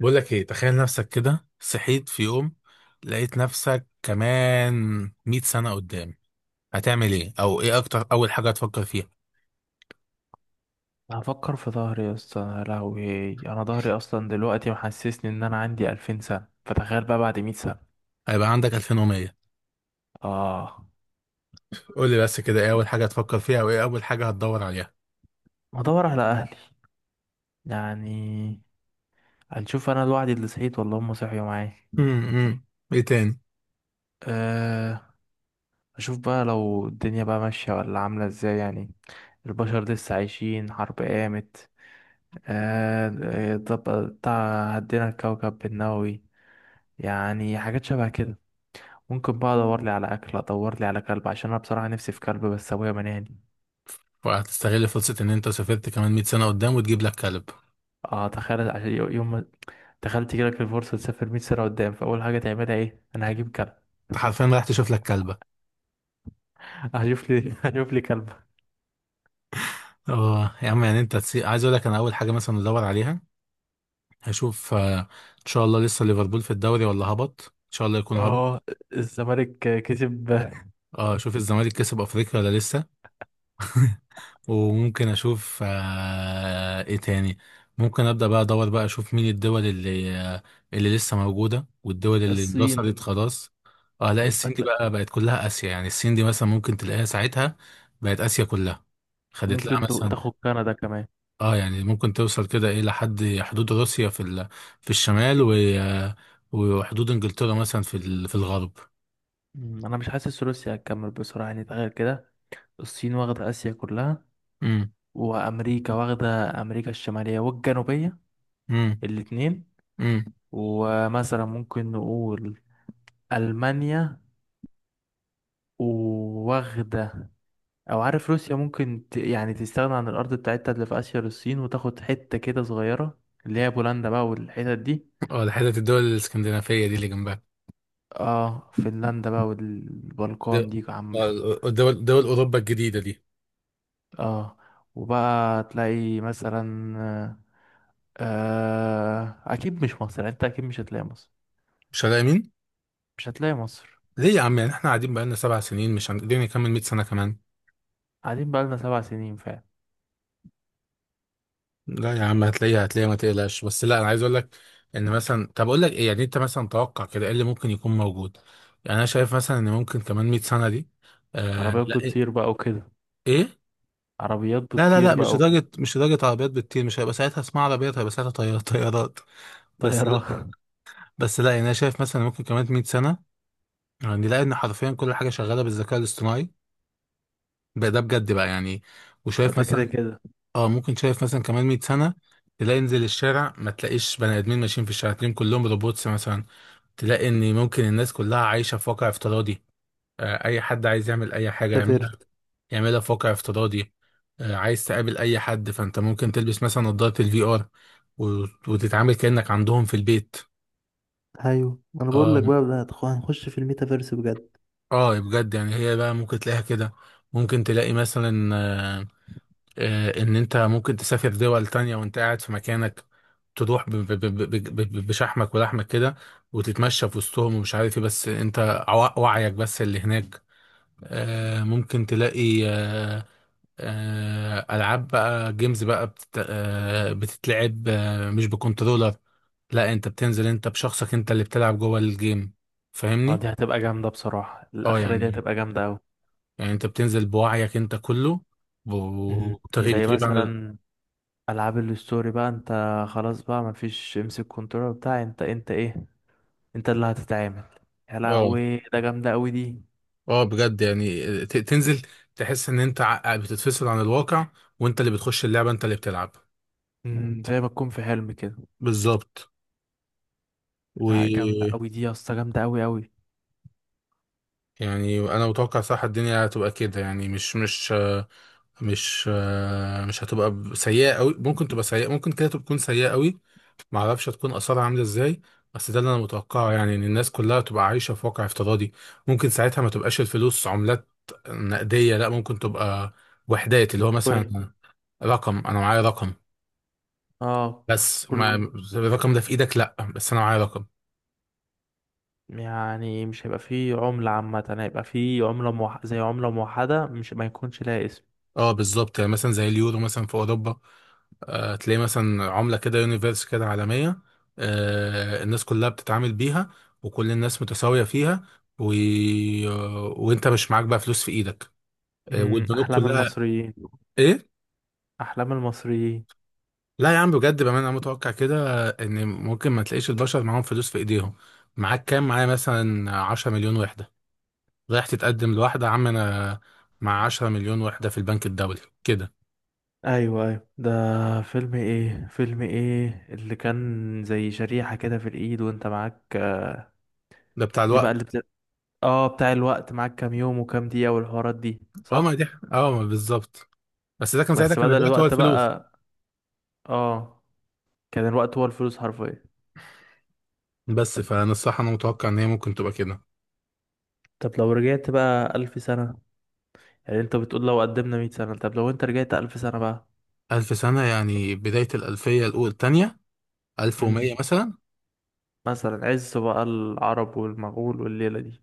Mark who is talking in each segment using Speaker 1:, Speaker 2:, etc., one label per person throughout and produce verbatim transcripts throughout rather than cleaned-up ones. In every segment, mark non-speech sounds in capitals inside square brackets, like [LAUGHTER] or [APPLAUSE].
Speaker 1: بقول لك ايه، تخيل نفسك كده صحيت في يوم، لقيت نفسك كمان 100 سنة قدام. هتعمل ايه، او ايه اكتر اول حاجة هتفكر فيها؟
Speaker 2: هفكر في ظهري يا اسطى، يا لهوي. انا ظهري اصلا دلوقتي محسسني ان انا عندي ألفين سنه، فتخيل بقى بعد مية سنة سنه.
Speaker 1: هيبقى عندك ألفين ومية.
Speaker 2: اه،
Speaker 1: قول لي بس كده ايه اول حاجة هتفكر فيها، او ايه اول حاجة هتدور عليها؟
Speaker 2: هدور على اهلي يعني، هنشوف انا لوحدي اللي صحيت ولا هم صحيوا معايا.
Speaker 1: امم. ايه تاني؟
Speaker 2: أه، اشوف بقى لو الدنيا بقى ماشيه ولا عامله ازاي، يعني البشر لسه عايشين، حرب قامت؟ أه، الضب- بتاع هدينا الكوكب بالنووي، يعني حاجات شبه كده. ممكن بقى ادور لي على اكل، ادور لي على كلب، عشان انا بصراحه نفسي في كلب بس ابويا منعني.
Speaker 1: وهتستغل فرصة ان انت سافرت كمان 100 سنة قدام وتجيب لك كلب؟
Speaker 2: اه تخيل، عشان يو- يوم ما. تخيل تجيلك الفرصة تسافر 100 سنة قدام، فأول حاجة تعملها ايه؟ أنا هجيب كلب.
Speaker 1: انت حرفيا رايح تشوف لك كلبة؟
Speaker 2: هجيب لي [LAUGHS] هجيب لي كلب.
Speaker 1: اه يا عم، يعني انت تسي... عايز اقول لك، انا اول حاجة مثلا ادور عليها، هشوف آه، ان شاء الله لسه ليفربول في الدوري ولا هبط، ان شاء الله يكون
Speaker 2: اه،
Speaker 1: هبط.
Speaker 2: الزمالك كسب.
Speaker 1: اه، اشوف الزمالك كسب افريقيا ولا لسه. [LAUGHS] وممكن اشوف آه ايه تاني. ممكن ابدا بقى ادور بقى اشوف مين الدول اللي آه، اللي لسه موجوده، والدول اللي اندثرت
Speaker 2: الصين.
Speaker 1: خلاص. اه لا،
Speaker 2: ممكن
Speaker 1: الصين دي
Speaker 2: هتلا-
Speaker 1: بقى بقت كلها اسيا، يعني الصين دي مثلا ممكن تلاقيها ساعتها بقت اسيا كلها، خدت لها
Speaker 2: ممكن تو-
Speaker 1: مثلا.
Speaker 2: تاخد كندا كمان.
Speaker 1: اه يعني ممكن توصل كده ايه لحد حدود روسيا في ال... في الشمال، و... آه، وحدود انجلترا مثلا في ال... في الغرب.
Speaker 2: مم، أنا مش حاسس روسيا هتكمل بسرعة، يعني تخيل كده. الصين واخدة آسيا كلها،
Speaker 1: امم.
Speaker 2: وأمريكا واخدة أمريكا الشمالية والجنوبية
Speaker 1: امم.
Speaker 2: الاتنين.
Speaker 1: امم.
Speaker 2: ومثلا ممكن نقول ألمانيا وواخدة، او عارف روسيا ممكن ت... يعني تستغنى عن الارض بتاعتها اللي في اسيا للصين، وتاخد حتة كده صغيرة اللي هي بولندا بقى والحتت دي.
Speaker 1: اه، ده حتة الدول الاسكندنافية دي اللي جنبها.
Speaker 2: اه، فنلندا بقى
Speaker 1: دول
Speaker 2: والبلقان دي عامة.
Speaker 1: آه، دول دول أوروبا الجديدة دي.
Speaker 2: اه، وبقى تلاقي مثلا آه، اكيد مش مصر، يعني انت اكيد مش هتلاقي مصر.
Speaker 1: مش هنلاقي.
Speaker 2: مش هتلاقي مصر.
Speaker 1: ليه يا عم؟ يعني احنا قاعدين بقالنا سبع سنين، مش هنقدر نكمل 100 سنة كمان.
Speaker 2: قاعدين بقى لنا سبع سنين فعلا.
Speaker 1: لا يا عم، هتلاقيها، هتلاقيها، ما تقلقش. بس لا، أنا عايز أقول لك إن مثلا، طب أقول لك إيه، يعني أنت مثلا توقع كده إيه اللي ممكن يكون موجود. يعني أنا شايف مثلا إن ممكن كمان 100 سنة دي، آه
Speaker 2: عربيات
Speaker 1: لا
Speaker 2: بتطير
Speaker 1: إيه.
Speaker 2: بقى وكده.
Speaker 1: إيه؟
Speaker 2: عربيات
Speaker 1: لا لا
Speaker 2: بتطير
Speaker 1: لا، مش
Speaker 2: بقى وكده.
Speaker 1: لدرجة مش لدرجة عربيات بتطير. مش هيبقى ساعتها اسمها عربيات، هيبقى ساعتها طيار- [LAUGHS] طيارات. بس
Speaker 2: طيران.
Speaker 1: لا. بس لا، يعني أنا شايف مثلا ممكن كمان 100 سنة يعني نلاقي ان حرفيا كل حاجه شغاله بالذكاء الاصطناعي. بقى ده بجد بقى يعني.
Speaker 2: [LAUGHS]
Speaker 1: وشايف
Speaker 2: ده كده
Speaker 1: مثلا،
Speaker 2: كده.
Speaker 1: اه ممكن شايف مثلا كمان مئة سنة سنه تلاقي، انزل الشارع ما تلاقيش بني ادمين ماشيين في الشارع، تلاقيهم كلهم روبوتس مثلا. تلاقي ان ممكن الناس كلها عايشه في واقع افتراضي. آه اي حد عايز يعمل اي حاجه
Speaker 2: ميتافيرس.
Speaker 1: يعملها يعملها في واقع افتراضي. آه عايز تقابل اي حد، فانت ممكن تلبس مثلا نظاره الفي ار وتتعامل كانك عندهم في البيت.
Speaker 2: ايوه انا بقول
Speaker 1: اه.
Speaker 2: لك بقى، ده هتخ- هنخش في الميتافيرس بجد.
Speaker 1: اه بجد، يعني هي بقى ممكن تلاقيها كده. ممكن تلاقي مثلا، آه، آه، ان انت ممكن تسافر دول تانية وانت قاعد في مكانك. تروح ب- ب- ب- ب- ب- بشحمك ولحمك كده، وتتمشى في وسطهم ومش عارف ايه. بس انت عو- وعيك بس اللي هناك. آه، ممكن تلاقي آه، آه، العاب بقى، جيمز بقى، بتت- آه، بتتلعب، آه، مش بكنترولر. لا، انت بتنزل انت بشخصك، انت اللي بتلعب جوه الجيم.
Speaker 2: اه،
Speaker 1: فاهمني؟
Speaker 2: دي هتبقى جامدة بصراحة،
Speaker 1: اه
Speaker 2: الأخيرة دي
Speaker 1: يعني،
Speaker 2: هتبقى جامدة أوي.
Speaker 1: يعني انت بتنزل بوعيك انت كله و-
Speaker 2: مم.
Speaker 1: وتغيب
Speaker 2: زي
Speaker 1: تغيب عن ال-
Speaker 2: مثلا ألعاب الستوري بقى، انت خلاص بقى مفيش امسك كنترول بتاع. انت انت ايه، انت اللي هتتعامل. يا
Speaker 1: اه،
Speaker 2: لهوي، ده جامدة أوي دي.
Speaker 1: اه بجد يعني ت- تنزل، تحس ان انت ع- بتتفصل عن الواقع، وانت اللي بتخش اللعبة، انت اللي بتلعب.
Speaker 2: مم، زي ما تكون في حلم كده.
Speaker 1: بالظبط.
Speaker 2: لا، جامدة
Speaker 1: ويعني،
Speaker 2: أوي دي يا اسطى، جامدة أوي أوي.
Speaker 1: انا متوقع صح الدنيا هتبقى كده، يعني مش مش آه، مش آه، مش هتبقى ب- سيئة قوي. ممكن تبقى سيئة، ممكن كده تكون سيئة قوي، ما اعرفش هتكون اثارها عاملة ازاي. بس ده اللي انا متوقعه يعني، ان الناس كلها تبقى عايشة في واقع افتراضي. ممكن ساعتها ما تبقاش الفلوس عملات نقدية، لا ممكن تبقى وحدات، اللي هو
Speaker 2: كوين.
Speaker 1: مثلا رقم. انا معايا رقم.
Speaker 2: اه،
Speaker 1: بس ما
Speaker 2: كل،
Speaker 1: الرقم ده في ايدك، لا بس انا معايا رقم.
Speaker 2: يعني مش هيبقى فيه عملة عامة، هيبقى فيه عملة موح... زي عملة موحدة، مش ما يكونش لها اسم.
Speaker 1: اه بالظبط، يعني مثلا زي اليورو مثلا في اوروبا. آه تلاقي مثلا عمله كده يونيفرس كده عالميه، آه الناس كلها بتتعامل بيها، وكل الناس متساويه فيها، و... وانت مش معاك بقى فلوس في ايدك. آه
Speaker 2: مم،
Speaker 1: والبنوك
Speaker 2: أحلام
Speaker 1: كلها.
Speaker 2: المصريين.
Speaker 1: ايه؟
Speaker 2: أحلام المصريين.
Speaker 1: لا يا عم بجد بقى، انا متوقع كده ان ممكن ما تلاقيش البشر معاهم فلوس في ايديهم. معاك كام؟ معايا مثلا 10 مليون وحده. رايح تتقدم لواحده، يا عم انا مع 10 مليون وحده في البنك الدولي كده.
Speaker 2: ايوه ايوه، ده فيلم ايه، فيلم ايه اللي كان زي شريحة كده في الايد وانت معاك.
Speaker 1: ده بتاع
Speaker 2: دي بقى
Speaker 1: الوقت.
Speaker 2: اللي بت... اه بتاع الوقت. معاك كام يوم وكام دقيقة والحوارات دي،
Speaker 1: اه ما دي.
Speaker 2: صح؟
Speaker 1: اه ما بالظبط. بس ده كان ساعتها
Speaker 2: بس
Speaker 1: كان
Speaker 2: بدل
Speaker 1: الوقت هو
Speaker 2: الوقت
Speaker 1: الفلوس.
Speaker 2: بقى. اه، كان الوقت هو الفلوس حرفيا.
Speaker 1: بس فانا الصراحه انا متوقع ان هي ممكن تبقى كده.
Speaker 2: طب لو رجعت بقى ألف سنة، يعني انت بتقول لو قدمنا مية سنة، طب لو انت رجعت ألف سنة بقى.
Speaker 1: ألف سنه، يعني بدايه الألفية الأولى التانية، ألف ومية
Speaker 2: امم،
Speaker 1: مثلا.
Speaker 2: مثلا عز بقى العرب والمغول والليلة دي،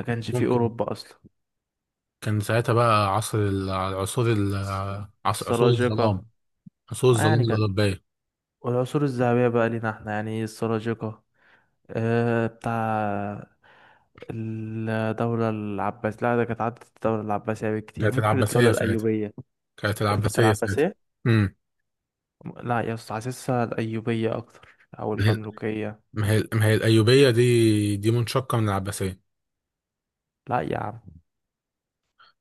Speaker 2: ما كانش فيه
Speaker 1: ممكن.
Speaker 2: أوروبا أصلا.
Speaker 1: كان ساعتها بقى عصر ال- عصور ال- عص- عصور
Speaker 2: السلاجقة.
Speaker 1: الظلام، عصور
Speaker 2: آه
Speaker 1: الظلام
Speaker 2: يعني كان،
Speaker 1: الأوروبية.
Speaker 2: والعصور الذهبية بقى لينا احنا يعني السلاجقة. آه، بتاع الدولة العباسية. لا، ده كانت عدت الدولة العباسية بكتير،
Speaker 1: كانت
Speaker 2: ممكن الدولة
Speaker 1: العباسية ساعتها،
Speaker 2: الأيوبية.
Speaker 1: كانت
Speaker 2: اللي كانت
Speaker 1: العباسية ساعتها.
Speaker 2: العباسية.
Speaker 1: امم.
Speaker 2: لا يا اسطى، حاسسها الأيوبية أكتر أو
Speaker 1: ما هي
Speaker 2: المملوكية.
Speaker 1: ما هي ما هي الأيوبية دي دي منشقة من العباسية.
Speaker 2: لا يا عم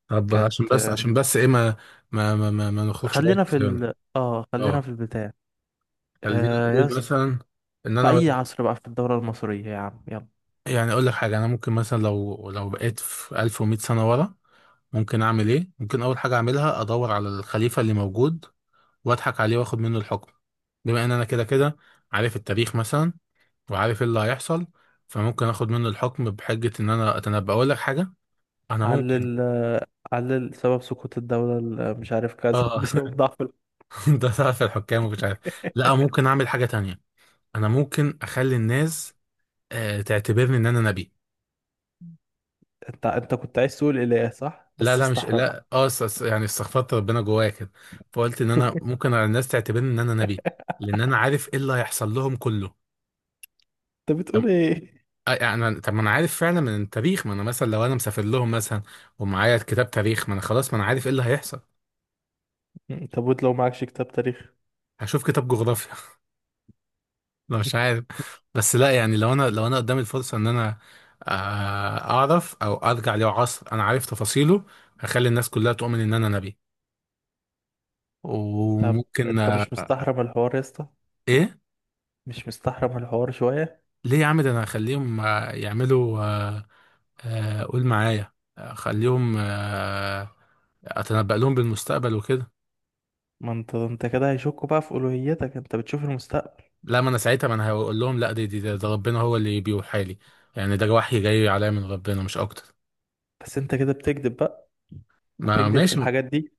Speaker 1: طب عشان بس
Speaker 2: كانت.
Speaker 1: عشان بس ايه، ما ما ما ما, ما نخرجش بره
Speaker 2: خلينا في
Speaker 1: خيرنا.
Speaker 2: ال اه خلينا
Speaker 1: اه.
Speaker 2: في البتاع
Speaker 1: خلينا
Speaker 2: آه يا
Speaker 1: نقول
Speaker 2: اسطى،
Speaker 1: مثلا ان
Speaker 2: في
Speaker 1: انا،
Speaker 2: أي عصر بقى في الدولة المصرية، يا عم يلا.
Speaker 1: يعني اقول لك حاجه، انا ممكن مثلا لو لو بقيت في ألف ومئة سنة سنه ورا، ممكن اعمل ايه؟ ممكن اول حاجه اعملها ادور على الخليفه اللي موجود، واضحك عليه واخد منه الحكم. بما ان انا كده كده عارف التاريخ مثلا، وعارف ايه اللي هيحصل، فممكن اخد منه الحكم بحجه ان انا اتنبأ. اقول لك حاجه، انا ممكن،
Speaker 2: علل، علل سبب سقوط الدولة ال- مش عارف كذا [LAUGHS]
Speaker 1: اه.
Speaker 2: بسبب ضعف.
Speaker 1: [LAUGHS] ده تعرف الحكام ومش عارف. لا، ممكن اعمل حاجه تانية. انا ممكن اخلي الناس آه، تعتبرني ان انا نبي.
Speaker 2: انت انت كنت عايز تقول اله، صح،
Speaker 1: لا
Speaker 2: بس
Speaker 1: لا، مش
Speaker 2: استحرم.
Speaker 1: لا، اه س- س- يعني استغفرت ربنا جوايا كده، فقلت ان انا
Speaker 2: [LAUGHS]
Speaker 1: ممكن على الناس تعتبرني ان انا نبي، لان انا عارف ايه اللي هيحصل لهم كله.
Speaker 2: انت بتقول
Speaker 1: طب،
Speaker 2: ايه؟
Speaker 1: آه، يعني أنا- طب ما انا عارف فعلا من التاريخ، ما انا مثلا لو انا مسافر لهم مثلا ومعايا كتاب تاريخ، ما انا خلاص، ما انا عارف ايه اللي هيحصل.
Speaker 2: [LAUGHS] طب وانت لو معكش كتاب تاريخ؟
Speaker 1: هشوف كتاب جغرافيا [LAUGHS] لا مش عارف. بس لا، يعني لو انا لو انا قدامي الفرصه ان انا آه، اعرف، او ارجع له عصر انا عارف تفاصيله، هخلي الناس كلها تؤمن ان انا نبي.
Speaker 2: طب
Speaker 1: وممكن
Speaker 2: انت مش
Speaker 1: آه،
Speaker 2: مستحرم الحوار يا اسطى؟
Speaker 1: ايه.
Speaker 2: مش مستحرم الحوار شويه؟
Speaker 1: ليه يا عم؟ ده انا اخليهم آه، يعملوا، آه، آه، قول معايا، اخليهم آه، اتنبأ لهم بالمستقبل وكده.
Speaker 2: ما انت انت كده هيشكوا بقى في الوهيتك، انت بتشوف المستقبل.
Speaker 1: لا ما انا ساعتها، ما انا هقول لهم لا، دي دي ده, ده ربنا هو اللي بيوحى لي، يعني ده وحي جاي عليا من ربنا مش اكتر.
Speaker 2: بس انت كده بتكذب بقى،
Speaker 1: ما
Speaker 2: هتكذب في
Speaker 1: ماشي.
Speaker 2: الحاجات دي.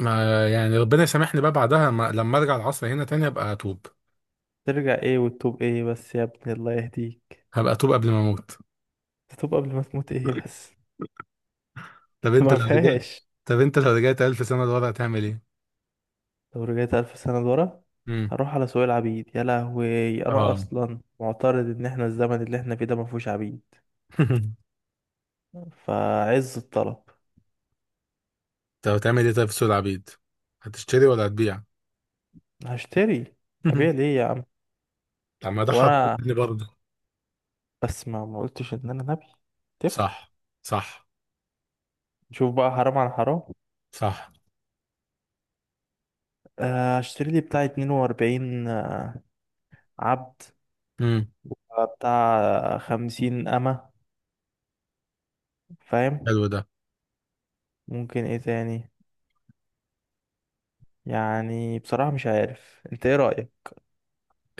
Speaker 1: ما يعني ربنا يسامحني بقى بعدها، ما لما ارجع العصر هنا تاني هبقى اتوب،
Speaker 2: ترجع ايه وتتوب ايه بس يا ابني، الله يهديك.
Speaker 1: هبقى اتوب قبل ما اموت.
Speaker 2: تتوب قبل ما تموت ايه بس؟
Speaker 1: طب
Speaker 2: [LAUGHS]
Speaker 1: انت
Speaker 2: ما
Speaker 1: لو رجعت،
Speaker 2: فيهاش.
Speaker 1: طب انت لو رجعت ألف سنة لورا هتعمل ايه؟
Speaker 2: لو رجعت ألف سنة لورا،
Speaker 1: امم.
Speaker 2: هروح على سوق العبيد. يا لهوي، أنا
Speaker 1: اه.
Speaker 2: أصلا معترض إن إحنا الزمن اللي إحنا فيه ده مفهوش عبيد،
Speaker 1: [LAUGHS]
Speaker 2: فعز الطلب.
Speaker 1: طب هتعمل ايه طيب في سوق العبيد؟ هتشتري ولا هتبيع؟
Speaker 2: هشتري. ابيع
Speaker 1: [LAUGHS]
Speaker 2: ليه يا عم؟
Speaker 1: طب ما ده
Speaker 2: هو انا،
Speaker 1: حضرتني برضه.
Speaker 2: بس ما ما قلتش ان انا نبي، تفرق.
Speaker 1: صح. صح.
Speaker 2: شوف بقى حرام عن حرام.
Speaker 1: صح.
Speaker 2: آه، هشتري لي بتاع اتنين وأربعين عبد،
Speaker 1: امم.
Speaker 2: آه، بتاع خمسين أمة، فاهم.
Speaker 1: حلو ده.
Speaker 2: ممكن ايه تاني، يعني بصراحة مش عارف انت ايه رأيك.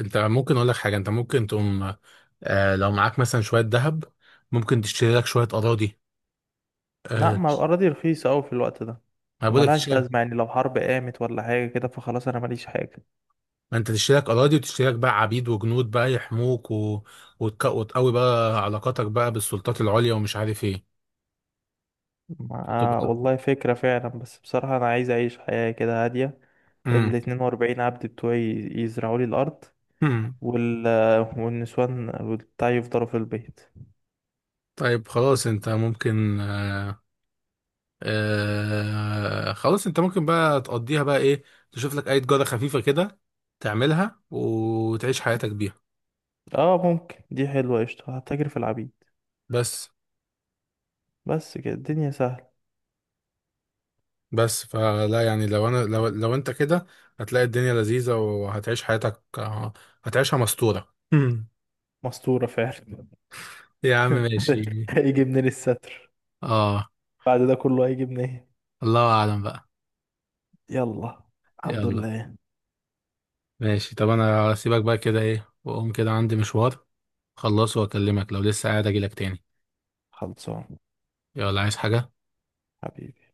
Speaker 1: انت ممكن اقول لك حاجه، انت ممكن تقوم، آه لو معاك مثلا شويه ذهب، ممكن تشتري لك شويه اراضي.
Speaker 2: لا،
Speaker 1: آه
Speaker 2: ما الأراضي رخيصة أوي في الوقت ده،
Speaker 1: ما بقول لك
Speaker 2: وملهاش
Speaker 1: تشتري،
Speaker 2: لازمة، يعني لو حرب قامت ولا حاجة كده فخلاص، أنا ماليش حاجة.
Speaker 1: ما انت تشتري لك اراضي، وتشتري لك بقى عبيد وجنود بقى يحموك، و... وتك... وتقوي بقى علاقاتك بقى بالسلطات العليا ومش عارف ايه،
Speaker 2: آه
Speaker 1: فتبقى.
Speaker 2: والله فكرة فعلا، بس بصراحة أنا عايز أعيش حياة كده هادية.
Speaker 1: امم.
Speaker 2: الاتنين وأربعين عبد بتوعي يزرعوا لي الأرض،
Speaker 1: امم.
Speaker 2: وال... والنسوان بتاعي يفضلوا في البيت.
Speaker 1: طيب خلاص، انت ممكن آه آه خلاص انت ممكن بقى تقضيها بقى ايه، تشوف لك اي جارة خفيفة كده، تعملها وتعيش حياتك بيها.
Speaker 2: اه ممكن، دي حلوة قشطة، هتجري في العبيد.
Speaker 1: بس
Speaker 2: بس كده الدنيا سهلة.
Speaker 1: بس فلا يعني، لو انا لو لو انت كده هتلاقي الدنيا لذيذة، وهتعيش حياتك آه، هتعيشها مستورة.
Speaker 2: مستورة فعلا.
Speaker 1: [LAUGHS] يا عم
Speaker 2: [LAUGHS]
Speaker 1: ماشي.
Speaker 2: هيجي منين الستر،
Speaker 1: اه.
Speaker 2: بعد ده كله هيجي منين.
Speaker 1: الله اعلم بقى.
Speaker 2: يلا. الحمد
Speaker 1: يلا.
Speaker 2: لله.
Speaker 1: ماشي، طب انا هسيبك بقى كده ايه، واقوم كده عندي مشوار، خلصه واكلمك لو لسه قاعد اجيلك تاني.
Speaker 2: خلصان.
Speaker 1: يلا، عايز حاجة؟
Speaker 2: حبيبي.